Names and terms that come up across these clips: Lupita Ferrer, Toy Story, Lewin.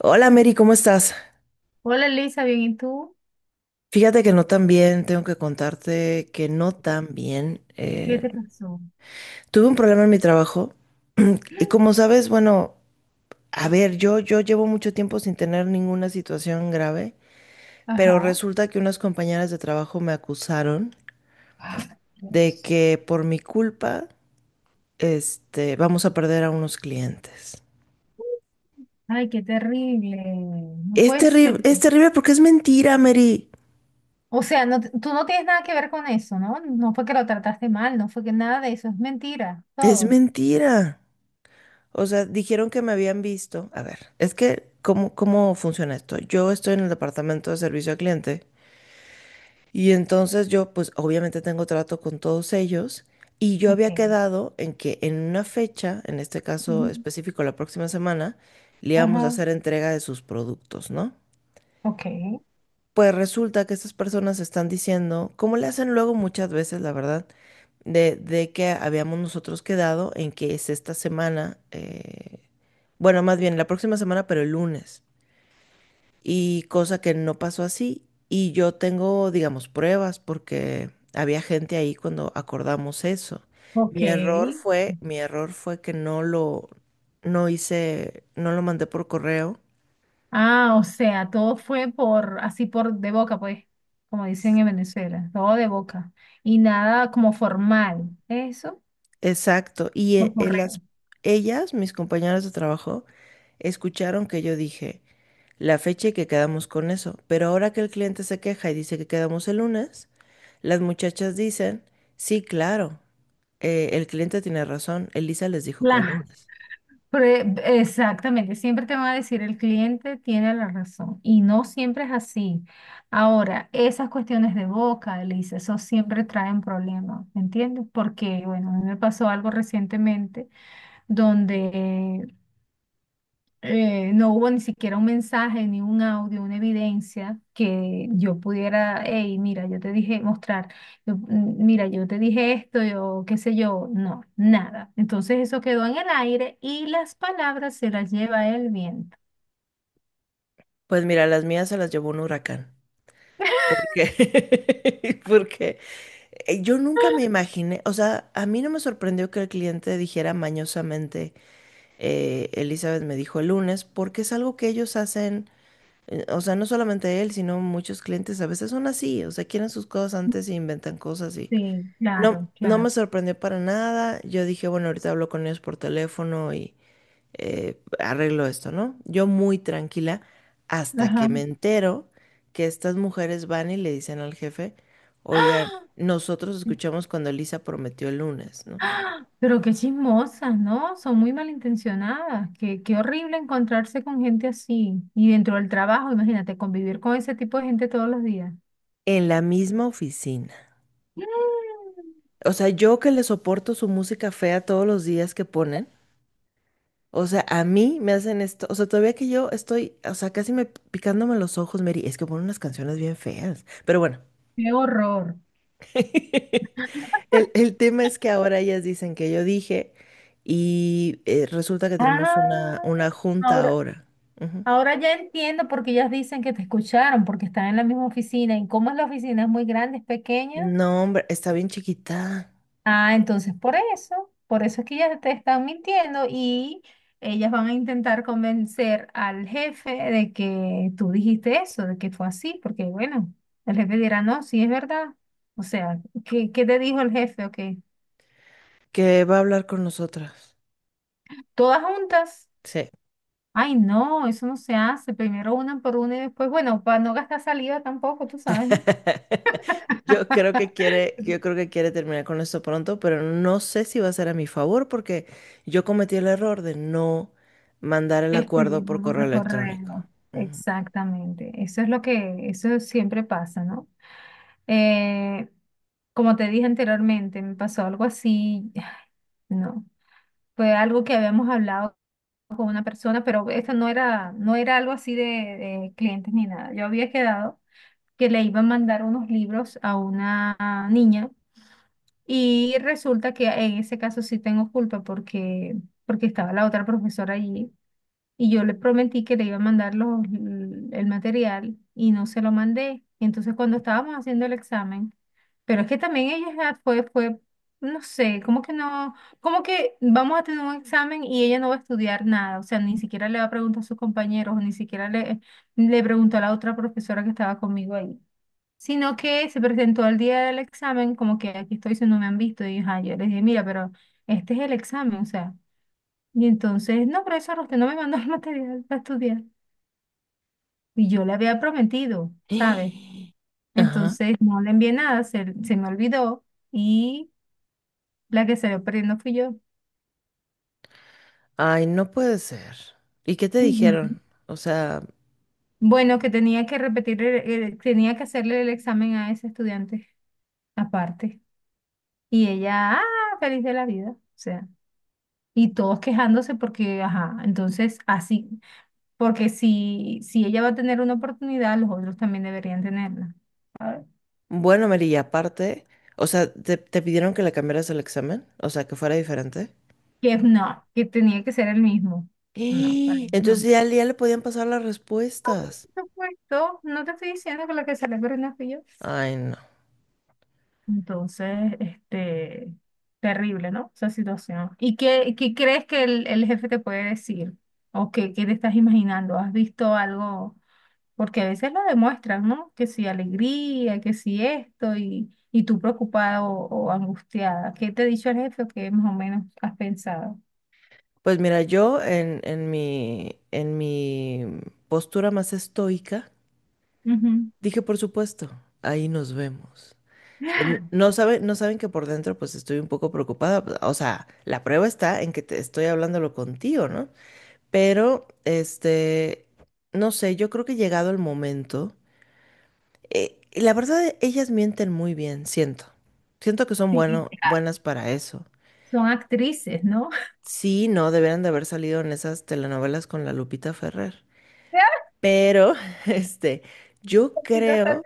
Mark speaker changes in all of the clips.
Speaker 1: Hola Mary, ¿cómo estás?
Speaker 2: Hola Elisa, bien, ¿y tú?
Speaker 1: Fíjate que no tan bien, tengo que contarte que no tan bien.
Speaker 2: ¿Qué te pasó?
Speaker 1: Tuve un problema en mi trabajo y como sabes, bueno, a ver, yo llevo mucho tiempo sin tener ninguna situación grave, pero
Speaker 2: Ajá.
Speaker 1: resulta que unas compañeras de trabajo me acusaron de
Speaker 2: Dios.
Speaker 1: que por mi culpa, vamos a perder a unos clientes.
Speaker 2: Ay, qué terrible. No puede ser.
Speaker 1: Es terrible porque es mentira, Mary.
Speaker 2: O sea, no, tú no tienes nada que ver con eso, ¿no? No fue que lo trataste mal, no fue que nada de eso, es mentira,
Speaker 1: Es
Speaker 2: todo.
Speaker 1: mentira. O sea, dijeron que me habían visto. A ver, es que, ¿cómo funciona esto? Yo estoy en el departamento de servicio al cliente y entonces yo, pues obviamente tengo trato con todos ellos y yo había
Speaker 2: Ok.
Speaker 1: quedado en que en una fecha, en este caso
Speaker 2: Ujú.
Speaker 1: específico la próxima semana, le íbamos a
Speaker 2: Ajá.
Speaker 1: hacer entrega de sus productos, ¿no?
Speaker 2: Ok.
Speaker 1: Pues resulta que estas personas están diciendo, como le hacen luego muchas veces, la verdad, de que habíamos nosotros quedado en que es esta semana, bueno, más bien la próxima semana, pero el lunes. Y cosa que no pasó así. Y yo tengo, digamos, pruebas porque había gente ahí cuando acordamos eso.
Speaker 2: Ok.
Speaker 1: Mi error fue que no lo, no hice, no lo mandé por correo.
Speaker 2: Ah, o sea, todo fue por, así por de boca, pues, como dicen en Venezuela, todo de boca. Y nada como formal, eso,
Speaker 1: Exacto. Y
Speaker 2: por correo.
Speaker 1: las, ellas, mis compañeras de trabajo, escucharon que yo dije la fecha y que quedamos con eso. Pero ahora que el cliente se queja y dice que quedamos el lunes, las muchachas dicen, sí, claro, el cliente tiene razón, Elisa les dijo que el
Speaker 2: Claro.
Speaker 1: lunes.
Speaker 2: Exactamente, siempre te va a decir el cliente tiene la razón y no siempre es así. Ahora, esas cuestiones de boca, Elisa, eso siempre traen problemas, ¿me entiendes? Porque, bueno, a mí me pasó algo recientemente donde no hubo ni siquiera un mensaje, ni un audio, una evidencia que yo pudiera, hey, mira, yo te dije mostrar, yo, mira, yo te dije esto, yo qué sé yo, no, nada. Entonces eso quedó en el aire y las palabras se las lleva el viento.
Speaker 1: Pues mira, las mías se las llevó un huracán. Porque, porque yo nunca me imaginé, o sea, a mí no me sorprendió que el cliente dijera mañosamente. Elizabeth me dijo el lunes, porque es algo que ellos hacen, o sea, no solamente él, sino muchos clientes a veces son así, o sea, quieren sus cosas antes y inventan cosas y
Speaker 2: Sí,
Speaker 1: no,
Speaker 2: claro,
Speaker 1: no me
Speaker 2: claro.
Speaker 1: sorprendió para nada. Yo dije, bueno, ahorita hablo con ellos por teléfono y arreglo esto, ¿no? Yo muy tranquila hasta que me
Speaker 2: Ajá.
Speaker 1: entero que estas mujeres van y le dicen al jefe, oigan,
Speaker 2: ¡Ah!
Speaker 1: nosotros escuchamos cuando Elisa prometió el lunes, ¿no?
Speaker 2: ¡Ah! Pero qué, chismosas, ¿no? Son muy malintencionadas. qué horrible encontrarse con gente así. Y dentro del trabajo, imagínate, convivir con ese tipo de gente todos los días.
Speaker 1: En la misma oficina. O sea, yo que le soporto su música fea todos los días que ponen, o sea, a mí me hacen esto, o sea, todavía que yo estoy, o sea, casi me picándome los ojos, Mary, es que ponen unas canciones bien feas, pero bueno,
Speaker 2: Qué horror.
Speaker 1: el tema es que ahora ellas dicen que yo dije y resulta que tenemos
Speaker 2: Ah,
Speaker 1: una junta
Speaker 2: Ahora,
Speaker 1: ahora. Ujú.
Speaker 2: ahora ya entiendo por qué ellas dicen que te escucharon, porque están en la misma oficina. ¿Y cómo es la oficina? ¿Es muy grande, es pequeña?
Speaker 1: No, hombre, está bien chiquita,
Speaker 2: Ah, entonces por eso es que ellas te están mintiendo y ellas van a intentar convencer al jefe de que tú dijiste eso, de que fue así, porque bueno, el jefe dirá, no, sí es verdad. O sea, ¿qué te dijo el jefe? ¿O qué?
Speaker 1: que va a hablar con nosotras.
Speaker 2: Todas juntas.
Speaker 1: Sí.
Speaker 2: Ay, no, eso no se hace. Primero una por una y después, bueno, para no gastar saliva tampoco, tú sabes, ¿no?
Speaker 1: Yo creo que quiere, yo creo que quiere terminar con esto pronto, pero no sé si va a ser a mi favor porque yo cometí el error de no mandar el acuerdo por
Speaker 2: Escribimos
Speaker 1: correo
Speaker 2: los
Speaker 1: electrónico.
Speaker 2: correos.
Speaker 1: Mm.
Speaker 2: Exactamente. Eso es lo que, eso siempre pasa, ¿no? Eh, como te dije anteriormente, me pasó algo así, no, fue algo que habíamos hablado con una persona, pero esto no era algo así de clientes ni nada. Yo había quedado que le iba a mandar unos libros a una niña. Y resulta que en ese caso sí tengo culpa porque, porque estaba la otra profesora allí y yo le prometí que le iba a mandar el material y no se lo mandé. Entonces cuando estábamos haciendo el examen, pero es que también ella ya fue, no sé, como que no, como que vamos a tener un examen y ella no va a estudiar nada, o sea, ni siquiera le va a preguntar a sus compañeros, ni siquiera le, le preguntó a la otra profesora que estaba conmigo ahí, sino que se presentó al día del examen, como que aquí estoy, si no me han visto, y ajá, yo les dije, mira, pero este es el examen, o sea, y entonces, no, profesor, usted no me mandó el material para estudiar, y yo le había prometido, ¿sabes?
Speaker 1: Ajá.
Speaker 2: Entonces, no le envié nada, se me olvidó, y la que salió perdiendo fui yo.
Speaker 1: Ay, no puede ser. ¿Y qué te
Speaker 2: Ujú.
Speaker 1: dijeron? O sea,
Speaker 2: Bueno, que tenía que repetir, tenía que hacerle el examen a ese estudiante aparte, y ella, ah, feliz de la vida, o sea. Y todos quejándose porque, ajá, entonces así, porque si ella va a tener una oportunidad, los otros también deberían tenerla. ¿Sabes?
Speaker 1: bueno, Mary, y aparte, o sea, ¿te, te pidieron que le cambiaras el examen? O sea, que fuera diferente.
Speaker 2: Que no, que tenía que ser el mismo. No, para mí
Speaker 1: Entonces
Speaker 2: no.
Speaker 1: ya, al día le podían pasar las respuestas.
Speaker 2: Por supuesto, no te estoy diciendo que la que sale no fui yo.
Speaker 1: Ay, no.
Speaker 2: Entonces, este, terrible, ¿no? Esa situación. ¿Y qué, qué crees que el jefe te puede decir? ¿O qué te estás imaginando? ¿Has visto algo? Porque a veces lo demuestran, ¿no? Que si alegría, que si esto, y tú preocupada o angustiada. ¿Qué te ha dicho el jefe o qué más o menos has pensado?
Speaker 1: Pues mira, yo en mi postura más estoica,
Speaker 2: Ujú.
Speaker 1: dije, por supuesto, ahí nos vemos. En- No sabe, no saben que por dentro pues estoy un poco preocupada. Pues, o sea, la prueba está en que te estoy hablándolo contigo, ¿no? Pero, este, no sé, yo creo que llegado el momento, y la verdad, ellas mienten muy bien, siento. Siento que son
Speaker 2: Sí,
Speaker 1: bueno,
Speaker 2: ah,
Speaker 1: buenas para eso.
Speaker 2: son actrices, ¿no?
Speaker 1: Sí, no, deberían de haber salido en esas telenovelas con la Lupita Ferrer.
Speaker 2: Ya,
Speaker 1: Pero, este, yo
Speaker 2: sí, total.
Speaker 1: creo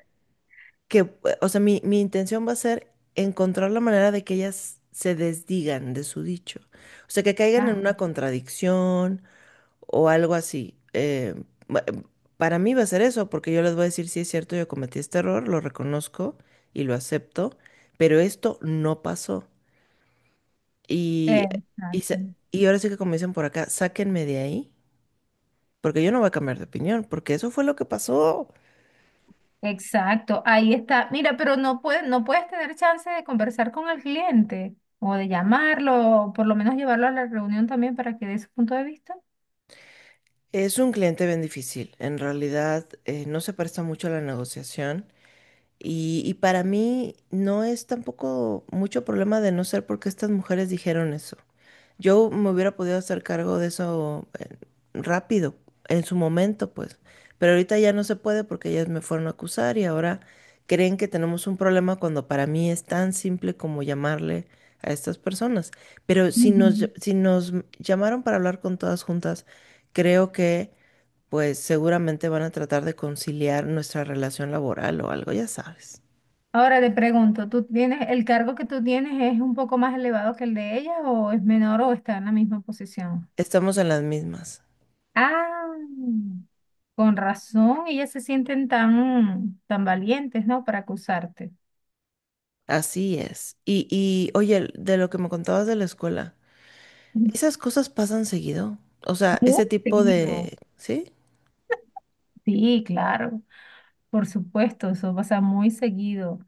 Speaker 1: que, o sea, mi intención va a ser encontrar la manera de que ellas se desdigan de su dicho. O sea, que caigan en
Speaker 2: Ah,
Speaker 1: una contradicción o algo así. Ba- para mí va a ser eso, porque yo les voy a decir, sí es cierto, yo cometí este error, lo reconozco y lo acepto, pero esto no pasó. Y, y,
Speaker 2: exacto.
Speaker 1: y ahora sí que como dicen por acá, sáquenme de ahí, porque yo no voy a cambiar de opinión, porque eso fue lo que pasó.
Speaker 2: Exacto, ahí está. Mira, pero no puedes tener chance de conversar con el cliente o de llamarlo, o por lo menos llevarlo a la reunión también para que dé su punto de vista.
Speaker 1: Es un cliente bien difícil. En realidad, no se presta mucho a la negociación. Y para mí no es tampoco mucho problema de no ser porque estas mujeres dijeron eso. Yo me hubiera podido hacer cargo de eso rápido, en su momento, pues. Pero ahorita ya no se puede porque ellas me fueron a acusar y ahora creen que tenemos un problema cuando para mí es tan simple como llamarle a estas personas. Pero si
Speaker 2: Ujú.
Speaker 1: nos, ll- si nos llamaron para hablar con todas juntas, creo que pues seguramente van a tratar de conciliar nuestra relación laboral o algo, ya sabes.
Speaker 2: Ahora te pregunto, ¿tú tienes, el cargo que tú tienes es un poco más elevado que el de ella o es menor o está en la misma posición?
Speaker 1: Estamos en las mismas.
Speaker 2: Ah, con razón, ellas se sienten tan, tan valientes, ¿no? Para acusarte.
Speaker 1: Así es. Y oye, de lo que me contabas de la escuela, esas cosas pasan seguido. O sea,
Speaker 2: Muy
Speaker 1: ese tipo
Speaker 2: seguido.
Speaker 1: de, ¿sí?
Speaker 2: Sí, claro, por supuesto, eso pasa muy seguido.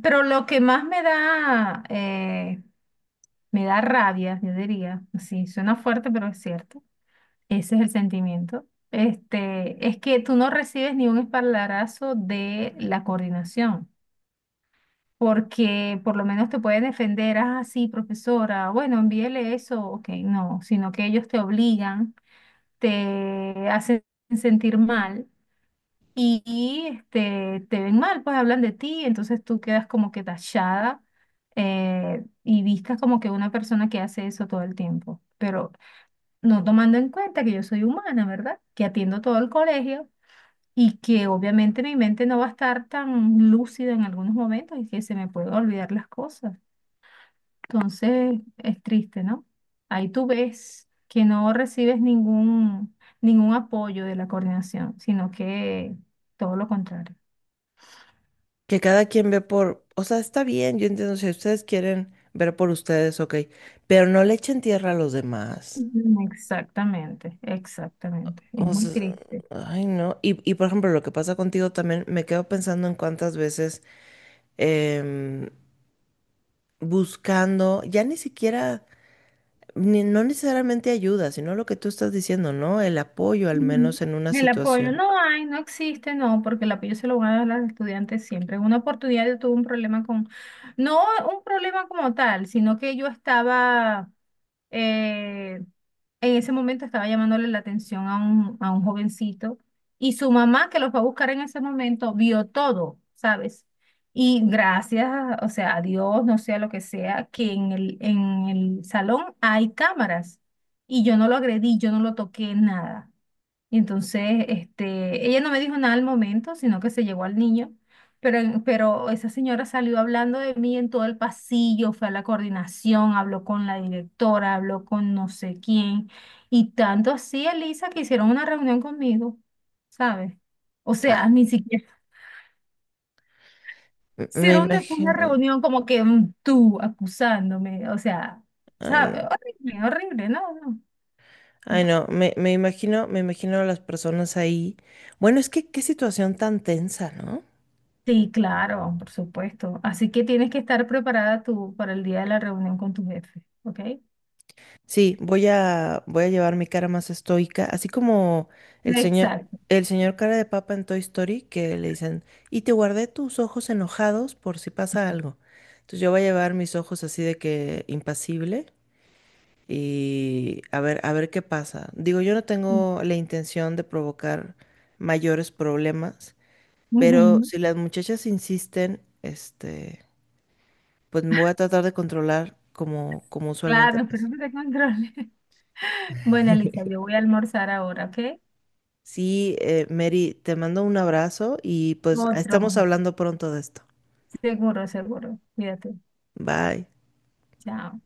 Speaker 2: Pero lo que más me da rabia, yo diría, sí, suena fuerte, pero es cierto. Ese es el sentimiento. Este, es que tú no recibes ni un espaldarazo de la coordinación, porque por lo menos te pueden defender, ah, sí, profesora, bueno, envíele eso, ok, no, sino que ellos te obligan, te hacen sentir mal y, este, te ven mal, pues hablan de ti, entonces tú quedas como que tachada, y vistas como que una persona que hace eso todo el tiempo. Pero no tomando en cuenta que yo soy humana, ¿verdad? Que atiendo todo el colegio y que obviamente mi mente no va a estar tan lúcida en algunos momentos y que se me pueden olvidar las cosas. Entonces es triste, ¿no? Ahí tú ves que no recibes ningún apoyo de la coordinación, sino que todo lo contrario.
Speaker 1: Que cada quien ve por, o sea, está bien, yo entiendo si ustedes quieren ver por ustedes, ok, pero no le echen tierra a los demás.
Speaker 2: Ujú. Exactamente, exactamente. Es
Speaker 1: O
Speaker 2: muy
Speaker 1: sea,
Speaker 2: triste.
Speaker 1: ay, no. Y por ejemplo, lo que pasa contigo también, me quedo pensando en cuántas veces... em, buscando, ya ni siquiera, no necesariamente ayuda, sino lo que tú estás diciendo, ¿no? El apoyo, al
Speaker 2: Ujú.
Speaker 1: menos en una
Speaker 2: El apoyo
Speaker 1: situación.
Speaker 2: no hay, no existe, no, porque el apoyo se lo van a dar a los estudiantes siempre. En una oportunidad yo tuve un problema no un problema como tal, sino que yo estaba, eh, en ese momento estaba llamándole la atención a un jovencito y su mamá, que los va a buscar en ese momento, vio todo, ¿sabes? Y gracias, o sea, a Dios, no sea lo que sea, que en el salón hay cámaras y yo no lo agredí, yo no lo toqué, nada. Y entonces, este, ella no me dijo nada al momento, sino que se llevó al niño, pero, pero esa señora salió hablando de mí en todo el pasillo, fue a la coordinación, habló con la directora, habló con no sé quién, y tanto así, Elisa, que hicieron una reunión conmigo, ¿sabes? O sea,
Speaker 1: Ah,
Speaker 2: ni siquiera
Speaker 1: me
Speaker 2: hicieron después una
Speaker 1: imagino,
Speaker 2: reunión como que tú acusándome, o sea,
Speaker 1: ay,
Speaker 2: ¿sabes?
Speaker 1: no,
Speaker 2: Horrible, horrible, no, no.
Speaker 1: ay,
Speaker 2: No.
Speaker 1: no, me imagino, me imagino a las personas ahí. Bueno, es que qué situación tan tensa, ¿no?
Speaker 2: Sí, claro, por supuesto. Así que tienes que estar preparada tú para el día de la reunión con tu jefe, ¿ok?
Speaker 1: Sí, voy a, voy a llevar mi cara más estoica, así como el señor,
Speaker 2: Exacto.
Speaker 1: el señor cara de papa en Toy Story, que le dicen, y te guardé tus ojos enojados por si pasa algo. Entonces yo voy a llevar mis ojos así de que impasible y a ver qué pasa. Digo, yo no
Speaker 2: Mm.
Speaker 1: tengo la intención de provocar mayores problemas, pero
Speaker 2: Ujú.
Speaker 1: si las muchachas insisten, este, pues me voy a tratar de controlar como, como usualmente
Speaker 2: Claro,
Speaker 1: pasa.
Speaker 2: espero que te controle. Bueno, Elisa, yo voy a almorzar ahora, ¿ok?
Speaker 1: Sí, Mary, te mando un abrazo y pues estamos
Speaker 2: Otro,
Speaker 1: hablando pronto de esto.
Speaker 2: seguro, seguro. Cuídate.
Speaker 1: Bye.
Speaker 2: Chao.